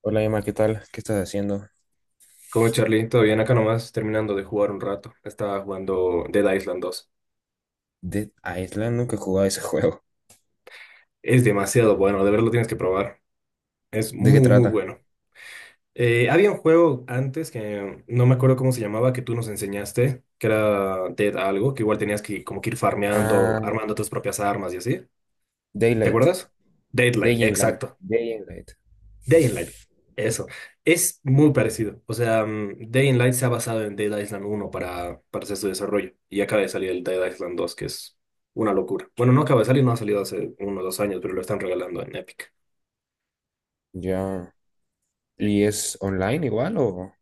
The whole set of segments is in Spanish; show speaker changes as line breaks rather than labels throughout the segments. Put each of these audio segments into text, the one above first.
Hola Emma, ¿qué tal? ¿Qué estás haciendo?
Como Charlie, todo bien, acá nomás terminando de jugar un rato. Estaba jugando Dead Island dos.
Dead Island, nunca he jugado ese juego.
Es demasiado bueno, de verdad lo tienes que probar. Es
¿De qué
muy, muy
trata?
bueno. Había un juego antes que no me acuerdo cómo se llamaba, que tú nos enseñaste, que era Dead algo, que igual tenías que como que ir farmeando,
Ah,
armando tus propias armas y así. ¿Te
Daylight.
acuerdas? Deadlight,
Day in Light.
exacto.
Day in Light.
Day and Light,
Eso.
eso. Es muy parecido. O sea, Day and Light se ha basado en Dead Island 1 para hacer su desarrollo. Y acaba de salir el Dead Island 2, que es una locura. Bueno, no acaba de salir, no ha salido hace unos 2 años, pero lo están regalando en Epic.
Ya. ¿Y es online igual?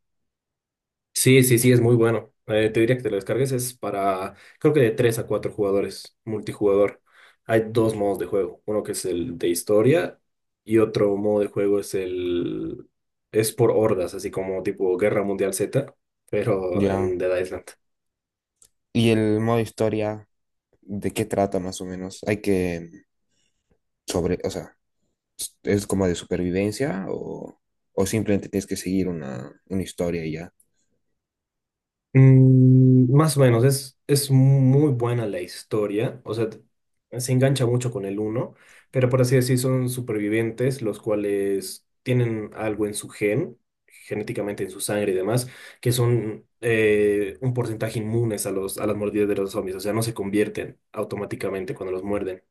Sí, sí, sí, es muy bueno. Te diría que te lo descargues. Es para, creo que de 3 a 4 jugadores, multijugador. Hay dos modos de juego. Uno que es el de historia y otro modo de juego es el. Es por hordas, así como tipo Guerra Mundial Z, pero
Ya.
en Dead Island.
¿Y el modo historia de qué trata más o menos? O sea, ¿es como de supervivencia o simplemente tienes que seguir una historia y ya?
Más o menos, es muy buena la historia, o sea, se engancha mucho con el uno, pero por así decir, son supervivientes los cuales tienen algo en su gen, genéticamente en su sangre y demás, que son un porcentaje inmunes a a las mordidas de los zombies, o sea, no se convierten automáticamente cuando los muerden.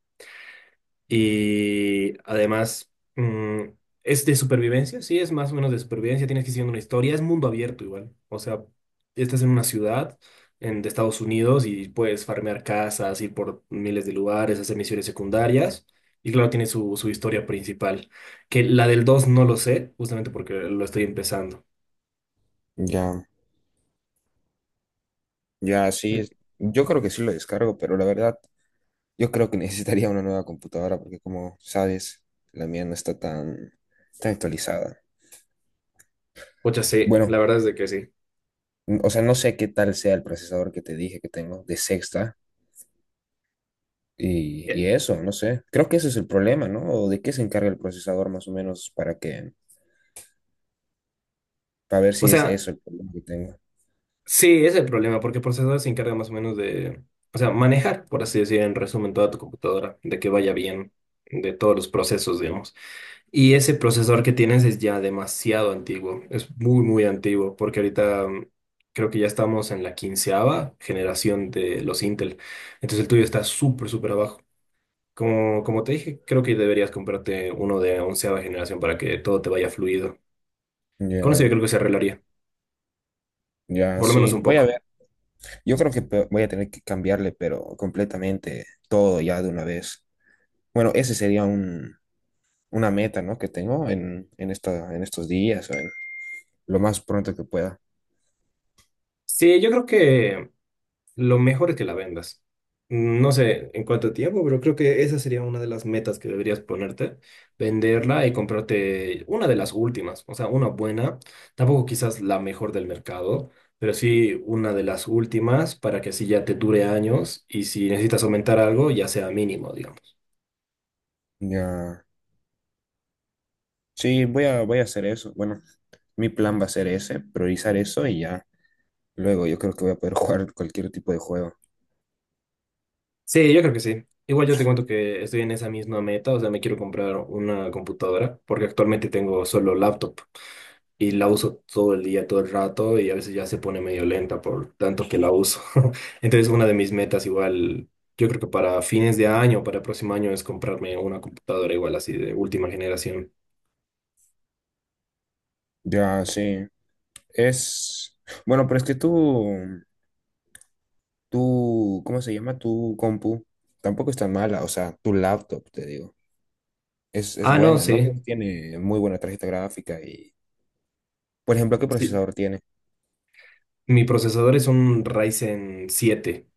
Y además, es de supervivencia, sí, es más o menos de supervivencia, tienes que ir siguiendo una historia, es mundo abierto igual. O sea, estás en una ciudad de Estados Unidos y puedes farmear casas, ir por miles de lugares, hacer misiones secundarias. Y claro, tiene su historia principal, que la del 2 no lo sé, justamente porque lo estoy empezando.
Ya. Ya,
Eh,
sí. Yo creo que sí lo descargo, pero la verdad. Yo creo que necesitaría una nueva computadora porque como sabes, la mía no está tan, tan actualizada.
Pucha, sí,
Bueno,
la verdad es de que sí.
no sé qué tal sea el procesador que te dije que tengo de sexta y,
Eh,
y eso, no sé. Creo que ese es el problema, ¿no? ¿O de qué se encarga el procesador más o menos para ver
O
si es
sea,
eso el problema que tengo?
sí, ese es el problema, porque el procesador se encarga más o menos de, o sea, manejar, por así decir, en resumen, toda tu computadora, de que vaya bien, de todos los procesos, digamos. Y ese procesador que tienes es ya demasiado antiguo, es muy, muy antiguo, porque ahorita creo que ya estamos en la quinceava generación de los Intel. Entonces el tuyo está súper, súper abajo. Como te dije, creo que deberías comprarte uno de onceava generación para que todo te vaya fluido. Con eso yo
Ya,
creo que se arreglaría,
ya,
por lo menos
sí,
un
voy a
poco.
ver. Yo creo que voy a tener que cambiarle, pero completamente todo ya de una vez. Bueno, ese sería una meta, ¿no? Que tengo en estos días, lo más pronto que pueda.
Sí, yo creo que lo mejor es que la vendas. No sé en cuánto tiempo, pero creo que esa sería una de las metas que deberías ponerte, venderla y comprarte una de las últimas, o sea, una buena, tampoco quizás la mejor del mercado, pero sí una de las últimas para que así ya te dure años y si necesitas aumentar algo, ya sea mínimo, digamos.
Ya, sí, voy a hacer eso. Bueno, mi plan va a ser ese, priorizar eso y ya. Luego yo creo que voy a poder jugar cualquier tipo de juego.
Sí, yo creo que sí. Igual yo te cuento que estoy en esa misma meta, o sea, me quiero comprar una computadora porque actualmente tengo solo laptop y la uso todo el día, todo el rato y a veces ya se pone medio lenta por tanto que la uso. Entonces una de mis metas igual, yo creo que para fines de año, para el próximo año es comprarme una computadora igual así de última generación.
Ya, sí. Es, bueno, pero es que tú, ¿cómo se llama? Tu compu tampoco es tan mala, o sea, tu laptop, te digo. Es
Ah, no,
buena, ¿no?
sí.
Tiene muy buena tarjeta gráfica y, por ejemplo, ¿qué
Sí,
procesador tiene?
mi procesador es un Ryzen 7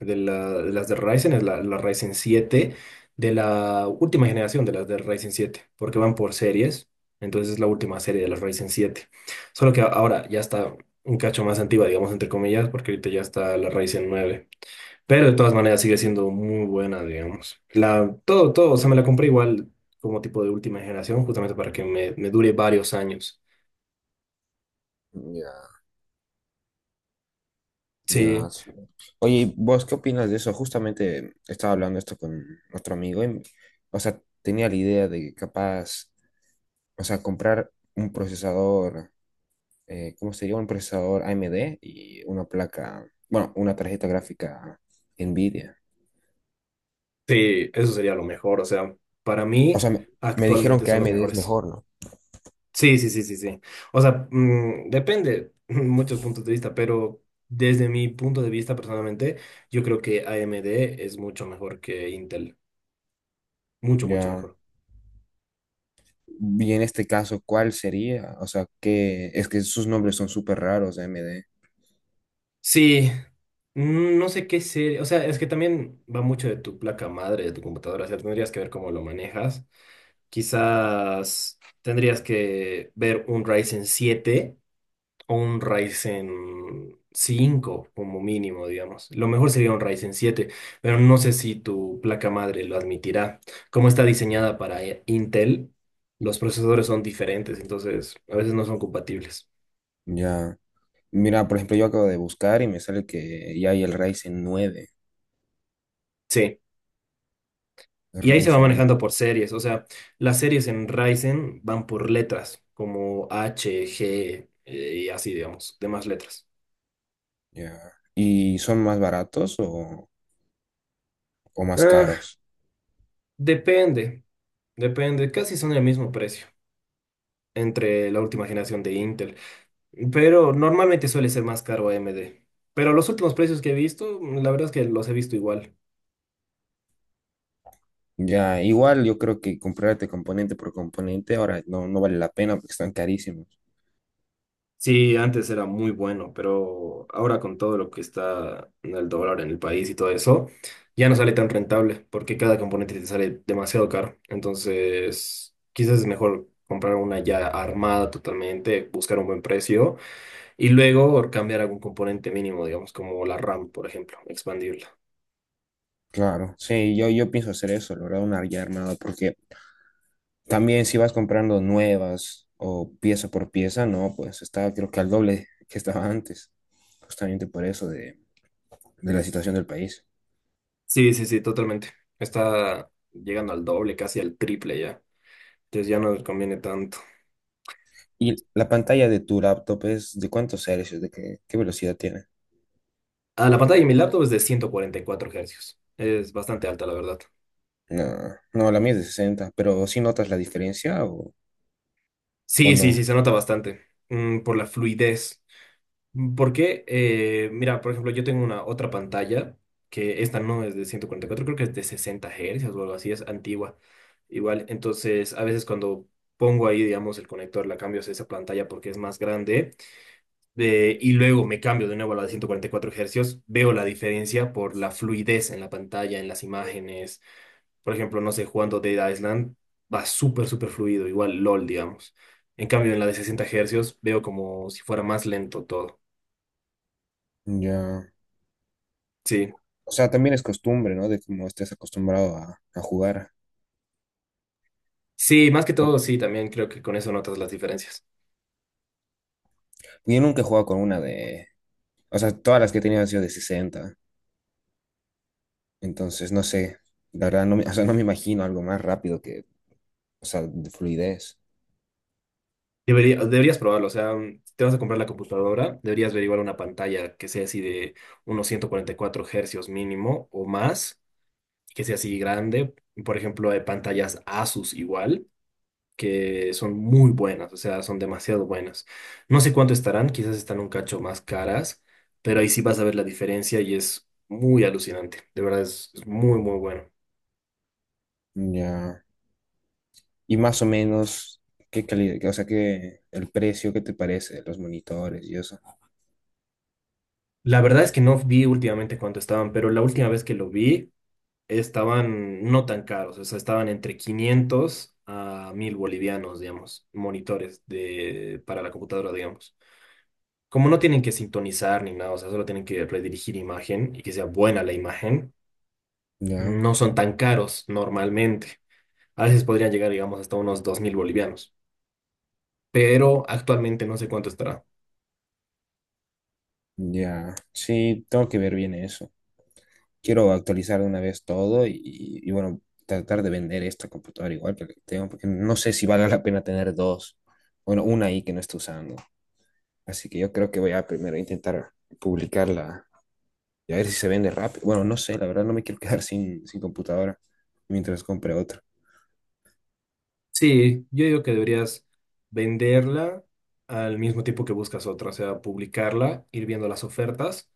de las de Ryzen, es la Ryzen 7 de la última generación de las de Ryzen siete porque van por series, entonces es la última serie de las Ryzen 7. Solo que ahora ya está un cacho más antigua, digamos, entre comillas, porque ahorita ya está la Ryzen 9. Pero de todas maneras sigue siendo muy buena, digamos. Todo, todo, o sea, me la compré igual como tipo de última generación, justamente para que me dure varios años.
Ya.
Sí,
Ya, sí. Oye, ¿vos qué opinas de eso? Justamente estaba hablando esto con otro amigo y, o sea, tenía la idea de que capaz, o sea, comprar un procesador, ¿cómo sería? Un procesador AMD y una placa, bueno, una tarjeta gráfica Nvidia.
sí, eso sería lo mejor, o sea, para
O
mí
sea, me dijeron
actualmente
que
son los
AMD es
mejores.
mejor, ¿no?
Sí, sí, sí, sí, sí. O sea, depende muchos puntos de vista, pero desde mi punto de vista personalmente, yo creo que AMD es mucho mejor que Intel. Mucho, mucho
Ya.
mejor.
Y en este caso, ¿cuál sería? O sea, que es que sus nombres son súper raros de AMD.
Sí, no sé qué serie. O sea, es que también va mucho de tu placa madre, de tu computadora. O sea, tendrías que ver cómo lo manejas. Quizás tendrías que ver un Ryzen 7, o un Ryzen 5 como mínimo, digamos. Lo mejor sería un Ryzen 7, pero no sé si tu placa madre lo admitirá. Como está diseñada para Intel, los procesadores son diferentes, entonces a veces no son compatibles.
Ya. Mira, por ejemplo, yo acabo de buscar y me sale que ya hay el Ryzen nueve.
Sí, y ahí se va
Ryzen, ¿no?
manejando por series, o sea, las series en Ryzen van por letras, como H, G, y así, digamos, demás letras.
Ya. ¿Y son más baratos o más
Ah,
caros?
depende, depende, casi son el mismo precio entre la última generación de Intel. Pero normalmente suele ser más caro AMD. Pero los últimos precios que he visto, la verdad es que los he visto igual.
Ya, igual yo creo que comprarte componente por componente ahora no vale la pena porque están carísimos.
Sí, antes era muy bueno, pero ahora con todo lo que está en el dólar en el país y todo eso, ya no sale tan rentable porque cada componente te sale demasiado caro. Entonces, quizás es mejor comprar una ya armada totalmente, buscar un buen precio y luego cambiar algún componente mínimo, digamos, como la RAM, por ejemplo, expandirla.
Claro, sí, yo pienso hacer eso, la verdad, una ya armada, porque también si vas comprando nuevas o pieza por pieza, no, pues está creo que al doble que estaba antes, justamente por eso de la situación del país.
Sí, sí, sí, totalmente. Está llegando al doble, casi al triple ya. Entonces ya no nos conviene tanto.
¿Y la pantalla de tu laptop es de cuántos hercios, de qué velocidad tiene?
Ah, la pantalla de mi laptop es de 144 Hz. Es bastante alta, la verdad.
No, no, la mía es de sesenta, pero ¿sí notas la diferencia o
Sí, sí,
no?
sí, se nota bastante. Por la fluidez. Porque, mira, por ejemplo, yo tengo una otra pantalla que esta no es de 144, creo que es de 60 Hz o algo así, es antigua. Igual, entonces a veces cuando pongo ahí, digamos, el conector, la cambio a esa pantalla porque es más grande y luego me cambio de nuevo a la de 144 hercios, veo la diferencia por la fluidez en la pantalla, en las imágenes. Por ejemplo, no sé, jugando Dead Island va súper, súper fluido, igual LOL, digamos. En cambio, en la de 60 hercios veo como si fuera más lento todo.
Ya.
Sí,
O sea, también es costumbre, ¿no? De cómo estés acostumbrado a jugar.
sí, más que
O-
todo, sí, también creo que con eso notas las diferencias.
Yo nunca he jugado con una de. O sea, todas las que he tenido han sido de sesenta. Entonces, no sé. La verdad, no me, o sea, no me imagino algo más rápido que. O sea, de fluidez.
Deberías probarlo, o sea, si te vas a comprar la computadora, deberías averiguar una pantalla que sea así de unos 144 hercios mínimo o más que sea así grande. Por ejemplo, hay pantallas Asus igual, que son muy buenas, o sea, son demasiado buenas. No sé cuánto estarán, quizás están un cacho más caras, pero ahí sí vas a ver la diferencia y es muy alucinante. De verdad, es muy, muy bueno.
Ya. Y más o menos, ¿qué calidad? O sea, ¿ el precio, qué te parece de los monitores y eso?
La verdad es que no vi últimamente cuánto estaban, pero la última vez que lo vi estaban no tan caros, o sea, estaban entre 500 a 1.000 bolivianos, digamos, monitores para la computadora, digamos. Como no tienen que sintonizar ni nada, o sea, solo tienen que redirigir imagen y que sea buena la imagen,
Ya.
no son tan caros normalmente. A veces podrían llegar, digamos, hasta unos 2.000 bolivianos, pero actualmente no sé cuánto estará.
Ya. Sí, tengo que ver bien eso. Quiero actualizar de una vez todo y bueno, tratar de vender esta computadora igual que la que tengo, porque no sé si vale la pena tener dos, bueno, una ahí que no estoy usando. Así que yo creo que voy a primero intentar publicarla y a ver si se vende rápido. Bueno, no sé, la verdad no me quiero quedar sin computadora mientras compre otra.
Sí, yo digo que deberías venderla al mismo tiempo que buscas otra, o sea, publicarla, ir viendo las ofertas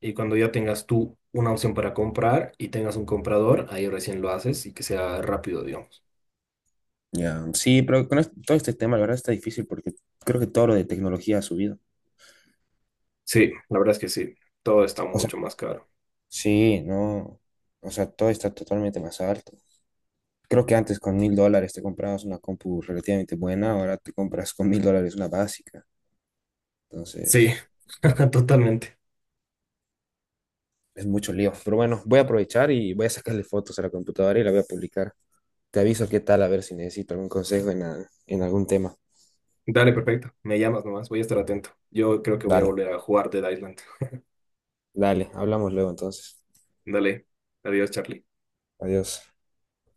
y cuando ya tengas tú una opción para comprar y tengas un comprador, ahí recién lo haces y que sea rápido, digamos.
Ya, sí, pero con todo este tema, la verdad está difícil porque creo que todo lo de tecnología ha subido.
Sí, la verdad es que sí, todo está
O sea,
mucho más caro.
sí, no, o sea, todo está totalmente más alto. Creo que antes con 1.000 dólares te comprabas una compu relativamente buena, ahora te compras con 1.000 dólares una básica.
Sí,
Entonces,
totalmente.
es mucho lío. Pero bueno, voy a aprovechar y voy a sacarle fotos a la computadora y la voy a publicar. Te aviso qué tal, a ver si necesito algún consejo en algún tema.
Dale, perfecto. Me llamas nomás, voy a estar atento. Yo creo que voy a
Dale,
volver a jugar Dead Island.
dale, hablamos luego entonces.
Dale. Adiós, Charlie.
Adiós.